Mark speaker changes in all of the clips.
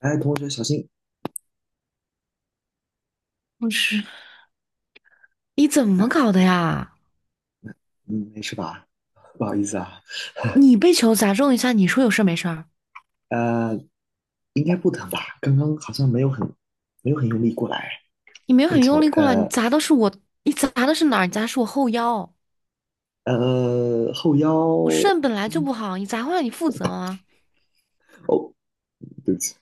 Speaker 1: 哎，同学小心！
Speaker 2: 不是，你怎么
Speaker 1: 哎，
Speaker 2: 搞的呀？
Speaker 1: 嗯，没事吧？不好意思啊，
Speaker 2: 你被球砸中一下，你说有事儿没事儿？
Speaker 1: 呃，应该不疼吧？刚刚好像没有很用力过来
Speaker 2: 你没有
Speaker 1: 那个
Speaker 2: 很
Speaker 1: 球，
Speaker 2: 用力过来，你砸的是我，你砸的是哪儿？你砸的是我后腰，
Speaker 1: 后腰，
Speaker 2: 我肾本来就
Speaker 1: 嗯
Speaker 2: 不好，你砸坏了你负责吗？
Speaker 1: 哦，对不起，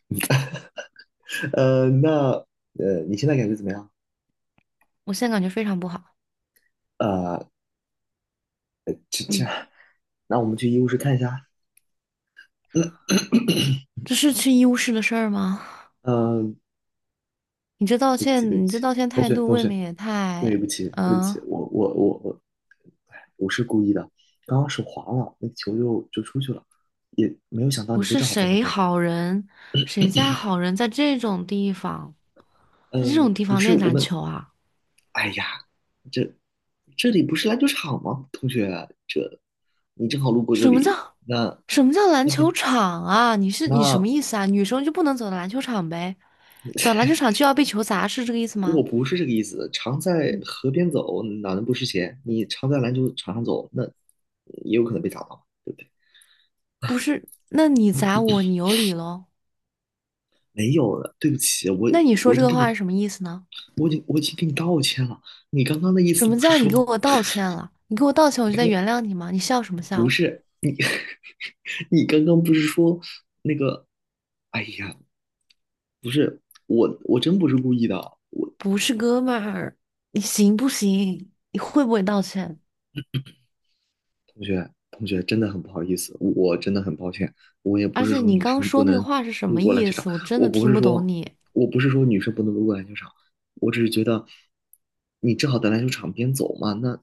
Speaker 1: 呃，那你现在感觉怎么样？
Speaker 2: 我现在感觉非常不好。
Speaker 1: 呃，呃这这，
Speaker 2: 嗯，
Speaker 1: 那我们去医务室看一下。嗯，
Speaker 2: 这是去医务室的事儿吗？
Speaker 1: 呃
Speaker 2: 你这道
Speaker 1: 对不起，对不
Speaker 2: 歉，你
Speaker 1: 起，
Speaker 2: 这道歉
Speaker 1: 同
Speaker 2: 态
Speaker 1: 学，
Speaker 2: 度
Speaker 1: 同
Speaker 2: 未
Speaker 1: 学，
Speaker 2: 免也
Speaker 1: 对
Speaker 2: 太……
Speaker 1: 不起，对不
Speaker 2: 嗯、
Speaker 1: 起，我，哎，不是故意的，刚刚手滑了，那球就出去了，也没有想到
Speaker 2: 不
Speaker 1: 你会
Speaker 2: 是
Speaker 1: 正好在那
Speaker 2: 谁
Speaker 1: 边。
Speaker 2: 好人，谁家好人在这种地方，在这种地
Speaker 1: 不
Speaker 2: 方
Speaker 1: 是
Speaker 2: 练
Speaker 1: 我
Speaker 2: 篮
Speaker 1: 们，
Speaker 2: 球啊？
Speaker 1: 哎呀，这这里不是篮球场吗？同学，这你正好路过这
Speaker 2: 什么
Speaker 1: 里，
Speaker 2: 叫
Speaker 1: 那
Speaker 2: 什么叫篮
Speaker 1: 那
Speaker 2: 球
Speaker 1: 边
Speaker 2: 场啊？你什
Speaker 1: 那
Speaker 2: 么意思啊？女生就不能走到篮球场呗？走到篮球场就要被球砸，是这个意思
Speaker 1: 我
Speaker 2: 吗？
Speaker 1: 不是这个意思，常在河边走，哪能不湿鞋？你常在篮球场上走，那也有可能被砸到，对不对？
Speaker 2: 不是，那你砸我，你有理喽？
Speaker 1: 没有了，对不起，
Speaker 2: 那你说
Speaker 1: 我已
Speaker 2: 这
Speaker 1: 经
Speaker 2: 个
Speaker 1: 跟你，
Speaker 2: 话是什么意思呢？
Speaker 1: 我已经我已经跟你道歉了。你刚刚的意
Speaker 2: 什
Speaker 1: 思
Speaker 2: 么
Speaker 1: 不是
Speaker 2: 叫你
Speaker 1: 说，
Speaker 2: 给我道歉了？你给我道歉，
Speaker 1: 你
Speaker 2: 我就再
Speaker 1: 刚
Speaker 2: 原谅你吗？你笑什么
Speaker 1: 不
Speaker 2: 笑？
Speaker 1: 是你，你刚刚不是说那个？哎呀，不是我真不是故意的，我。
Speaker 2: 不是哥们儿，你行不行？你会不会道歉？
Speaker 1: 同学，同学，真的很不好意思，我真的很抱歉。我也不
Speaker 2: 而
Speaker 1: 是
Speaker 2: 且
Speaker 1: 说
Speaker 2: 你
Speaker 1: 女
Speaker 2: 刚刚
Speaker 1: 生不
Speaker 2: 说那个
Speaker 1: 能
Speaker 2: 话是什
Speaker 1: 路
Speaker 2: 么
Speaker 1: 过篮
Speaker 2: 意
Speaker 1: 球场，
Speaker 2: 思？我真
Speaker 1: 我
Speaker 2: 的
Speaker 1: 不
Speaker 2: 听
Speaker 1: 是
Speaker 2: 不懂
Speaker 1: 说，
Speaker 2: 你。
Speaker 1: 我不是说女生不能路过篮球场，我只是觉得你正好在篮球场边走嘛，那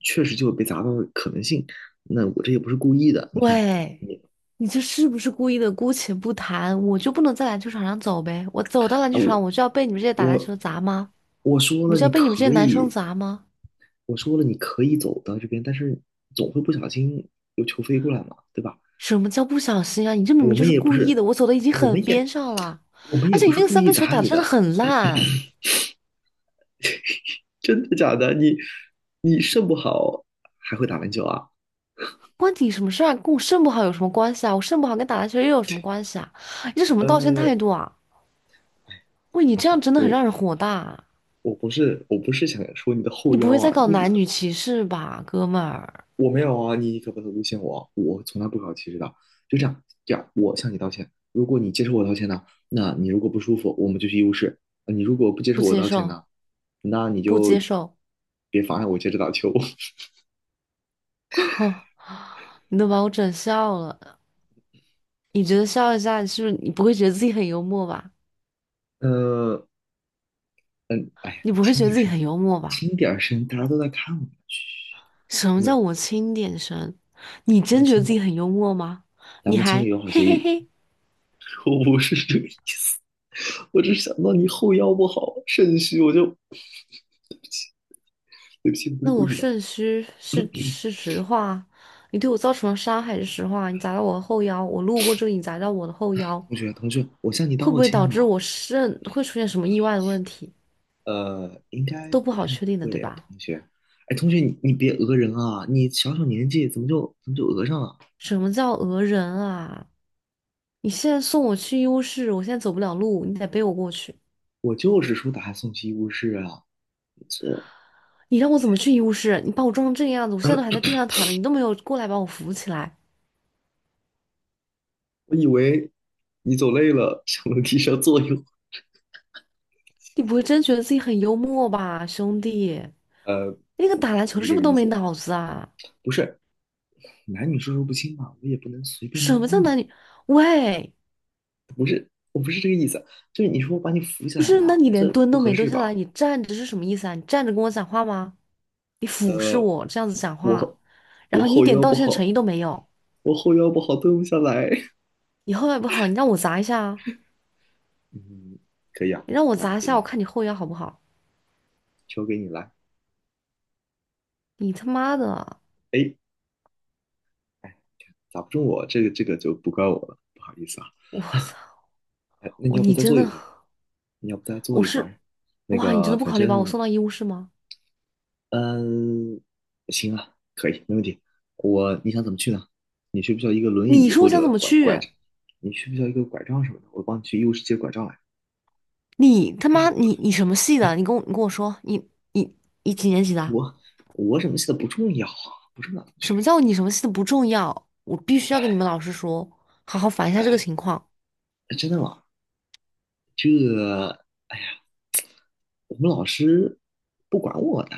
Speaker 1: 确实就有被砸到的可能性。那我这也不是故意的，你看
Speaker 2: 喂，
Speaker 1: 你
Speaker 2: 你这是不是故意的？姑且不谈，我就不能在篮球场上走呗？我走到篮
Speaker 1: 啊，
Speaker 2: 球场，
Speaker 1: 我
Speaker 2: 我就要被你们这些打篮球
Speaker 1: 我
Speaker 2: 的砸吗？
Speaker 1: 我说
Speaker 2: 我
Speaker 1: 了
Speaker 2: 就
Speaker 1: 你
Speaker 2: 要被你们这些
Speaker 1: 可
Speaker 2: 男生
Speaker 1: 以，
Speaker 2: 砸吗？
Speaker 1: 我说了你可以走到这边，但是总会不小心有球飞过来嘛，对吧？
Speaker 2: 什么叫不小心啊？你这明
Speaker 1: 我
Speaker 2: 明就
Speaker 1: 们
Speaker 2: 是
Speaker 1: 也不
Speaker 2: 故意
Speaker 1: 是，
Speaker 2: 的，我走的已经
Speaker 1: 我
Speaker 2: 很
Speaker 1: 们也，
Speaker 2: 边上了，
Speaker 1: 我们
Speaker 2: 而
Speaker 1: 也
Speaker 2: 且
Speaker 1: 不
Speaker 2: 你
Speaker 1: 是
Speaker 2: 那个
Speaker 1: 故
Speaker 2: 三
Speaker 1: 意
Speaker 2: 分球
Speaker 1: 砸
Speaker 2: 打的
Speaker 1: 你
Speaker 2: 真的
Speaker 1: 的，
Speaker 2: 很烂，
Speaker 1: 真的假的？你肾不好还会打篮球啊？
Speaker 2: 关你什么事啊？跟我肾不好有什么关系啊？我肾不好跟打篮球又有什么关系啊？你这什么道歉态
Speaker 1: 呃，
Speaker 2: 度啊？
Speaker 1: 哎，
Speaker 2: 喂，你
Speaker 1: 同
Speaker 2: 这
Speaker 1: 学，
Speaker 2: 样真的很让人火大啊，
Speaker 1: 我不是不是想说你的后
Speaker 2: 你不
Speaker 1: 腰
Speaker 2: 会在
Speaker 1: 啊，
Speaker 2: 搞男女歧视吧，哥们儿？
Speaker 1: 我没有啊，你可不能诬陷我，我从来不搞歧视的。就这样，这样，我向你道歉。如果你接受我道歉呢，那你如果不舒服，我们就去医务室。你如果不接受
Speaker 2: 不
Speaker 1: 我
Speaker 2: 接
Speaker 1: 道歉
Speaker 2: 受，
Speaker 1: 呢，那你
Speaker 2: 不接
Speaker 1: 就
Speaker 2: 受。
Speaker 1: 别妨碍我接着打球。
Speaker 2: 哼，你都把我整笑了。你觉得笑一下，你是不是你不会觉得自己很幽默吧？
Speaker 1: 呃，嗯，哎呀，
Speaker 2: 你
Speaker 1: 你
Speaker 2: 不会
Speaker 1: 轻
Speaker 2: 觉得
Speaker 1: 点
Speaker 2: 自己
Speaker 1: 声，
Speaker 2: 很幽默吧？
Speaker 1: 轻点声，大家都在看我们。嘘，
Speaker 2: 什
Speaker 1: 咱
Speaker 2: 么叫
Speaker 1: 们
Speaker 2: 我轻点声？你
Speaker 1: 咱们
Speaker 2: 真觉得
Speaker 1: 签
Speaker 2: 自己
Speaker 1: 了，
Speaker 2: 很幽默吗？
Speaker 1: 咱
Speaker 2: 你
Speaker 1: 们签个
Speaker 2: 还
Speaker 1: 友好
Speaker 2: 嘿
Speaker 1: 协
Speaker 2: 嘿
Speaker 1: 议。
Speaker 2: 嘿？
Speaker 1: 我不是这个意思，我只是想到你后腰不好，肾虚，对不起，不是
Speaker 2: 那
Speaker 1: 故
Speaker 2: 我
Speaker 1: 意的。
Speaker 2: 肾虚是实话，你对我造成了伤害是实话。你砸到我的后腰，我路过这里，你砸到我的后腰，
Speaker 1: 同学，同学，我向你
Speaker 2: 会不
Speaker 1: 道
Speaker 2: 会
Speaker 1: 歉
Speaker 2: 导致
Speaker 1: 了。
Speaker 2: 我肾会出现什么意外的问题？
Speaker 1: 应该
Speaker 2: 都不
Speaker 1: 不
Speaker 2: 好
Speaker 1: 太
Speaker 2: 确定的，
Speaker 1: 会
Speaker 2: 对
Speaker 1: 啊，
Speaker 2: 吧？
Speaker 1: 同学。哎，同学，你别讹人啊！你小小年纪怎么就讹上了？
Speaker 2: 什么叫讹人啊？你现在送我去医务室，我现在走不了路，你得背我过去。
Speaker 1: 我就是说把他送去医务室啊。这
Speaker 2: 你让我怎么去医务室？你把我撞成这个样子，我现在都还在 地上躺着，你都没有过来把我扶起来。
Speaker 1: 我以为你走累了，想楼梯上坐一会儿
Speaker 2: 你不会真觉得自己很幽默吧，兄弟？
Speaker 1: 呃，
Speaker 2: 那个打篮球
Speaker 1: 不是
Speaker 2: 是
Speaker 1: 这
Speaker 2: 不是
Speaker 1: 个
Speaker 2: 都
Speaker 1: 意
Speaker 2: 没
Speaker 1: 思，
Speaker 2: 脑子啊？
Speaker 1: 不是男女授受不亲嘛，我也不能随便
Speaker 2: 什么
Speaker 1: 摸
Speaker 2: 叫
Speaker 1: 你，
Speaker 2: 男女？喂，
Speaker 1: 我不是这个意思，就是你说我把你扶起
Speaker 2: 不
Speaker 1: 来
Speaker 2: 是，那
Speaker 1: 嘛，
Speaker 2: 你连
Speaker 1: 这
Speaker 2: 蹲
Speaker 1: 不
Speaker 2: 都
Speaker 1: 合
Speaker 2: 没蹲
Speaker 1: 适
Speaker 2: 下
Speaker 1: 吧？
Speaker 2: 来，你站着是什么意思啊？你站着跟我讲话吗？你俯视我这样子讲话，
Speaker 1: 我
Speaker 2: 然
Speaker 1: 我
Speaker 2: 后你一
Speaker 1: 后
Speaker 2: 点
Speaker 1: 腰
Speaker 2: 道
Speaker 1: 不
Speaker 2: 歉的诚
Speaker 1: 好，
Speaker 2: 意都没有，
Speaker 1: 我后腰不好，蹲不下来。
Speaker 2: 你后腰不好，你让我砸一下啊！
Speaker 1: 嗯，可以啊，
Speaker 2: 你让我
Speaker 1: 来
Speaker 2: 砸一
Speaker 1: 给
Speaker 2: 下，我
Speaker 1: 你，
Speaker 2: 看你后腰好不好？
Speaker 1: 球给你来。
Speaker 2: 你他妈的，
Speaker 1: 哎，打不中我，这个就不怪我了，不好意思啊。
Speaker 2: 我操！
Speaker 1: 哎，那你要不
Speaker 2: 你
Speaker 1: 再
Speaker 2: 真
Speaker 1: 坐一
Speaker 2: 的，
Speaker 1: 会儿？你要不再坐
Speaker 2: 我
Speaker 1: 一会
Speaker 2: 是，
Speaker 1: 儿？那
Speaker 2: 哇！你真
Speaker 1: 个，
Speaker 2: 的不
Speaker 1: 反
Speaker 2: 考虑把我
Speaker 1: 正
Speaker 2: 送到医务室吗？
Speaker 1: 嗯，行啊，可以，没问题。我，你想怎么去呢？你需不需要一个轮
Speaker 2: 你
Speaker 1: 椅
Speaker 2: 说我
Speaker 1: 或
Speaker 2: 想怎
Speaker 1: 者
Speaker 2: 么
Speaker 1: 拐拐
Speaker 2: 去？
Speaker 1: 杖？你需不需要一个拐杖什么的？我帮你去医务室借拐杖来。
Speaker 2: 你他妈，你什么系的？你跟我说，你你几年级的？
Speaker 1: 我我怎么写的不重要啊，不重要，同学。
Speaker 2: 什么叫你什么系的不重要？我必须要跟你们老师说，好好反映一下这个情况。
Speaker 1: 哎真的吗？这我们老师不管我的，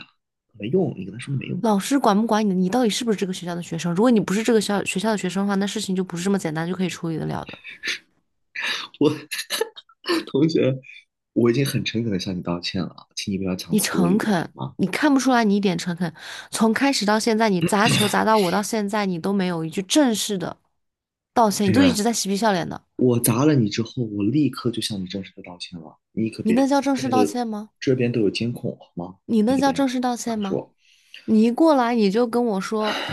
Speaker 1: 没用。你跟他说没用。
Speaker 2: 老师管不管你的你到底是不是这个学校的学生？如果你不是这个学校的学生的话，那事情就不是这么简单就可以处理的了的。
Speaker 1: 我 同学，我已经很诚恳的向你道歉了，请你不要强
Speaker 2: 你
Speaker 1: 词夺理
Speaker 2: 诚
Speaker 1: 了好
Speaker 2: 恳，
Speaker 1: 吗？
Speaker 2: 你看不出来你一点诚恳。从开始到现在，你砸球砸到我到现在，你都没有一句正式的道
Speaker 1: 同
Speaker 2: 歉，你都一
Speaker 1: 学，
Speaker 2: 直在嬉皮笑脸的。
Speaker 1: 我砸了你之后，我立刻就向你正式的道歉了。你可
Speaker 2: 你
Speaker 1: 别，
Speaker 2: 那叫正
Speaker 1: 这
Speaker 2: 式
Speaker 1: 边
Speaker 2: 道
Speaker 1: 都
Speaker 2: 歉吗？
Speaker 1: 这边都有监控，好吗？
Speaker 2: 你
Speaker 1: 你
Speaker 2: 那
Speaker 1: 可
Speaker 2: 叫
Speaker 1: 别
Speaker 2: 正式道
Speaker 1: 瞎
Speaker 2: 歉吗？
Speaker 1: 说。
Speaker 2: 你一过来你就跟我说，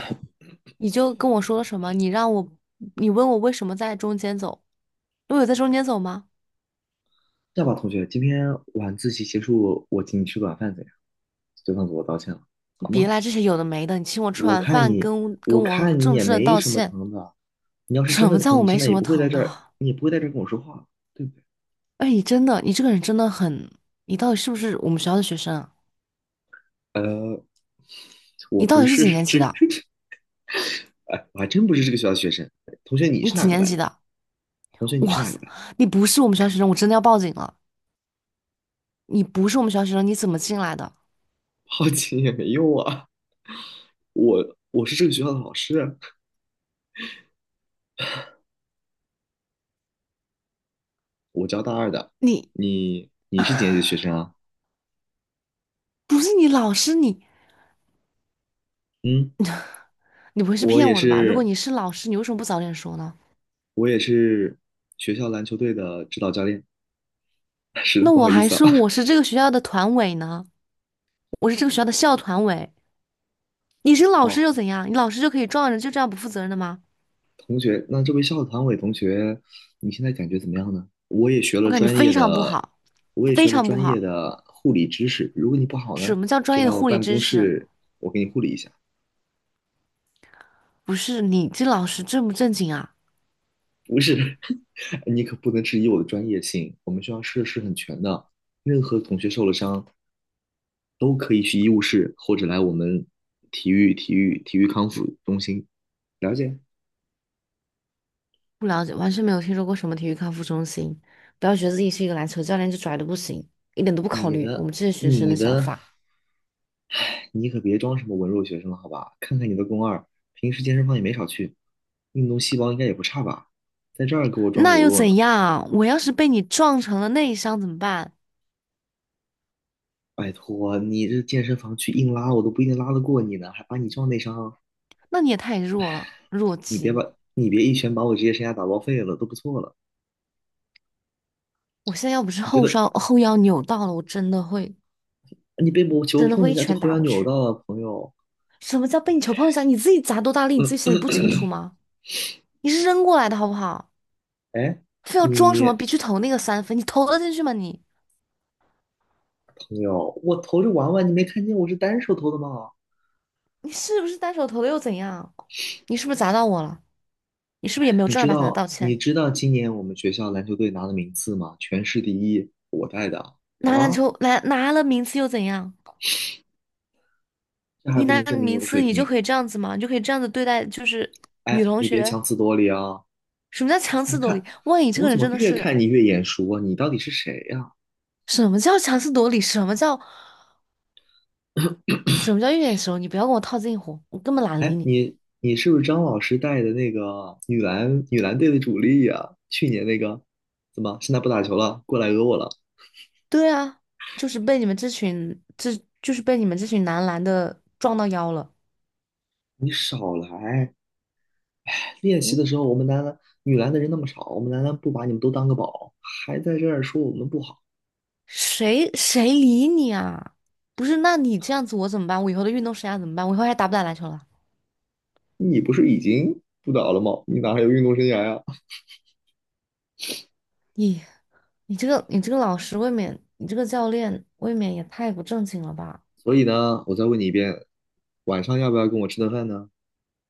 Speaker 2: 你就跟我说了什么？你让我，你问我为什么在中间走？我有在中间走吗？
Speaker 1: 这样吧，同学，今天晚自习结束，我请你吃晚饭怎样？就算做我道歉了，
Speaker 2: 你
Speaker 1: 好
Speaker 2: 别
Speaker 1: 吗？
Speaker 2: 来这些有的没的，你请我吃
Speaker 1: 我
Speaker 2: 完
Speaker 1: 看
Speaker 2: 饭，
Speaker 1: 你，
Speaker 2: 跟
Speaker 1: 我
Speaker 2: 我
Speaker 1: 看你
Speaker 2: 正
Speaker 1: 也
Speaker 2: 式的
Speaker 1: 没
Speaker 2: 道
Speaker 1: 什么
Speaker 2: 歉，
Speaker 1: 疼的。你要是真
Speaker 2: 什
Speaker 1: 的
Speaker 2: 么叫
Speaker 1: 疼，
Speaker 2: 我
Speaker 1: 你
Speaker 2: 没
Speaker 1: 现在
Speaker 2: 什
Speaker 1: 也
Speaker 2: 么
Speaker 1: 不会在
Speaker 2: 疼的
Speaker 1: 这儿，
Speaker 2: 啊？
Speaker 1: 你也不会在这儿跟我说话，对不对？
Speaker 2: 哎，你真的，你这个人真的很，你到底是不是我们学校的学生啊？
Speaker 1: 呃，我
Speaker 2: 你到
Speaker 1: 不
Speaker 2: 底是
Speaker 1: 是
Speaker 2: 几年级
Speaker 1: 这个，
Speaker 2: 的？
Speaker 1: 哎，我还真不是这个学校的学生。同学，你
Speaker 2: 你
Speaker 1: 是哪
Speaker 2: 几
Speaker 1: 个
Speaker 2: 年
Speaker 1: 班
Speaker 2: 级
Speaker 1: 的？
Speaker 2: 的？
Speaker 1: 同学，你是
Speaker 2: 哇
Speaker 1: 哪个
Speaker 2: 塞，
Speaker 1: 班？
Speaker 2: 你不是我们学校学生，我真的要报警了！你不是我们学校学生，你怎么进来的？
Speaker 1: 好奇也没用啊。我是这个学校的老师，我教大二的，
Speaker 2: 你
Speaker 1: 你是几年级的学生啊？
Speaker 2: 不是你老师，你
Speaker 1: 嗯，
Speaker 2: 你不会是
Speaker 1: 我
Speaker 2: 骗
Speaker 1: 也
Speaker 2: 我的吧？如果
Speaker 1: 是，
Speaker 2: 你是老师，你为什么不早点说呢？
Speaker 1: 我也是学校篮球队的指导教练。是的，
Speaker 2: 那
Speaker 1: 不
Speaker 2: 我
Speaker 1: 好意
Speaker 2: 还
Speaker 1: 思
Speaker 2: 说
Speaker 1: 啊。
Speaker 2: 我是这个学校的团委呢，我是这个学校的校团委。你是老师
Speaker 1: 哦，
Speaker 2: 又怎样？你老师就可以撞人，就这样不负责任的吗？
Speaker 1: 同学，那这位校团委同学，你现在感觉怎么样呢？
Speaker 2: 我感觉非常不好，
Speaker 1: 我也
Speaker 2: 非
Speaker 1: 学了
Speaker 2: 常不
Speaker 1: 专业
Speaker 2: 好。
Speaker 1: 的护理知识。如果你不好
Speaker 2: 什
Speaker 1: 呢，
Speaker 2: 么叫
Speaker 1: 可
Speaker 2: 专
Speaker 1: 以
Speaker 2: 业
Speaker 1: 来
Speaker 2: 的
Speaker 1: 我
Speaker 2: 护理
Speaker 1: 办公
Speaker 2: 知识？
Speaker 1: 室，我给你护理一下。
Speaker 2: 不是你这老师正不正经啊？
Speaker 1: 不是，你可不能质疑我的专业性，我们学校设施很全的，任何同学受了伤，都可以去医务室或者来我们体育康复中心。了解
Speaker 2: 不了解，完全没有听说过什么体育康复中心。不要觉得自己是一个篮球教练就拽的不行，一点都不考
Speaker 1: 你
Speaker 2: 虑我
Speaker 1: 的
Speaker 2: 们这些学生
Speaker 1: 你
Speaker 2: 的想
Speaker 1: 的，
Speaker 2: 法。
Speaker 1: 你可别装什么文弱学生了，好吧？看看你的肱二，平时健身房也没少去，运动细胞应该也不差吧？在这儿给我装
Speaker 2: 那
Speaker 1: 柔
Speaker 2: 又
Speaker 1: 弱
Speaker 2: 怎
Speaker 1: 呢？
Speaker 2: 样啊？我要是被你撞成了内伤怎么办？
Speaker 1: 拜托，你这健身房去硬拉，我都不一定拉得过你呢，还把你撞内伤，
Speaker 2: 那你也太弱了，弱鸡！
Speaker 1: 你别一拳把我职业生涯打报废了，都不错了。
Speaker 2: 我现在要不是
Speaker 1: 你觉
Speaker 2: 后
Speaker 1: 得
Speaker 2: 伤后腰扭到了，我真的会
Speaker 1: 你被我球碰一
Speaker 2: 一
Speaker 1: 下就
Speaker 2: 拳
Speaker 1: 后
Speaker 2: 打
Speaker 1: 腰
Speaker 2: 过
Speaker 1: 扭
Speaker 2: 去。
Speaker 1: 到了，朋友？
Speaker 2: 什么叫被你球碰一下？你自己砸多大力，你自己心里
Speaker 1: 嗯，
Speaker 2: 不清楚吗？你是扔过来的好不好？
Speaker 1: 哎，
Speaker 2: 非要装什么
Speaker 1: 你
Speaker 2: 别去投那个三分，你投得进去吗你？
Speaker 1: 有，我投着玩玩，你没看见我是单手投的吗？
Speaker 2: 你是不是单手投的又怎样？你是不是砸到我了？你是不是也没有正儿八经的道
Speaker 1: 你
Speaker 2: 歉？
Speaker 1: 知道今年我们学校篮球队拿的名次吗？全市第一，我带的，好
Speaker 2: 拿篮
Speaker 1: 吗？
Speaker 2: 球拿拿了名次又怎样？
Speaker 1: 这还
Speaker 2: 你
Speaker 1: 不
Speaker 2: 拿
Speaker 1: 能
Speaker 2: 了
Speaker 1: 证明我
Speaker 2: 名
Speaker 1: 的水
Speaker 2: 次，你就
Speaker 1: 平。
Speaker 2: 可以这样子吗？你就可以这样子对待就是女
Speaker 1: 哎，
Speaker 2: 同
Speaker 1: 你别
Speaker 2: 学？
Speaker 1: 强词夺理啊！
Speaker 2: 什么叫强
Speaker 1: 你
Speaker 2: 词夺理？
Speaker 1: 看，
Speaker 2: 万一这
Speaker 1: 我
Speaker 2: 个人
Speaker 1: 怎么
Speaker 2: 真的
Speaker 1: 越
Speaker 2: 是
Speaker 1: 看你越眼熟啊？你到底是谁呀、
Speaker 2: 什么叫强词夺理？什么叫一眼熟？你不要跟我套近乎，我根本懒得理
Speaker 1: 哎，
Speaker 2: 你。
Speaker 1: 你是不是张老师带的那个女篮队的主力呀、去年那个，怎么现在不打球了，过来讹我了？
Speaker 2: 对啊，就是被你们这群这就是被你们这群男篮的撞到腰了。
Speaker 1: 你少来！练习的
Speaker 2: 嗯
Speaker 1: 时候，我们男篮女篮的人那么少，我们男篮不把你们都当个宝，还在这儿说我们不好，
Speaker 2: 谁理你啊？不是，那你这样子我怎么办？我以后的运动生涯怎么办？我以后还打不打篮球了？
Speaker 1: 你不是已经不打了吗？你哪还有运动生涯呀？
Speaker 2: 你你这个老师未免，你这个教练未免也太不正经了吧？
Speaker 1: 所以呢，我再问你一遍，晚上要不要跟我吃顿饭呢？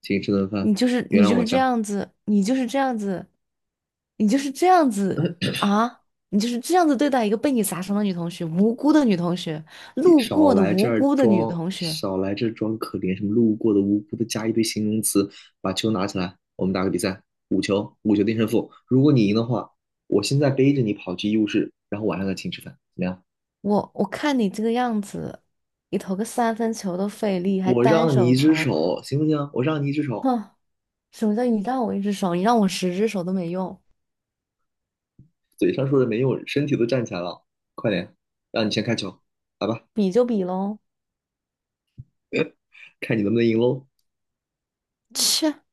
Speaker 1: 请你吃顿
Speaker 2: 你
Speaker 1: 饭，
Speaker 2: 就是
Speaker 1: 原
Speaker 2: 你
Speaker 1: 谅
Speaker 2: 就
Speaker 1: 我一
Speaker 2: 是这
Speaker 1: 下，
Speaker 2: 样子，你就是这样子，你就是这样子啊！你就是这样子对待一个被你砸伤的女同学，无辜的女同学，
Speaker 1: 别
Speaker 2: 路
Speaker 1: 少
Speaker 2: 过的
Speaker 1: 来这
Speaker 2: 无
Speaker 1: 儿
Speaker 2: 辜的女
Speaker 1: 装，
Speaker 2: 同学。
Speaker 1: 少来这儿装可怜，什么路过的、无辜的，加一堆形容词，把球拿起来，我们打个比赛，五球定胜负。如果你赢的话，我现在背着你跑去医务室，然后晚上再请你吃饭，怎么样？
Speaker 2: 我看你这个样子，你投个三分球都费力，还
Speaker 1: 我
Speaker 2: 单
Speaker 1: 让你
Speaker 2: 手
Speaker 1: 一只
Speaker 2: 投，
Speaker 1: 手，行不行？我让你一只手，
Speaker 2: 哼。什么叫你让我一只手？你让我十只手都没用，
Speaker 1: 嘴上说着没用，身体都站起来了，快点，让你先开球，来吧，
Speaker 2: 比就比喽。
Speaker 1: 看你能不能赢喽。
Speaker 2: 切，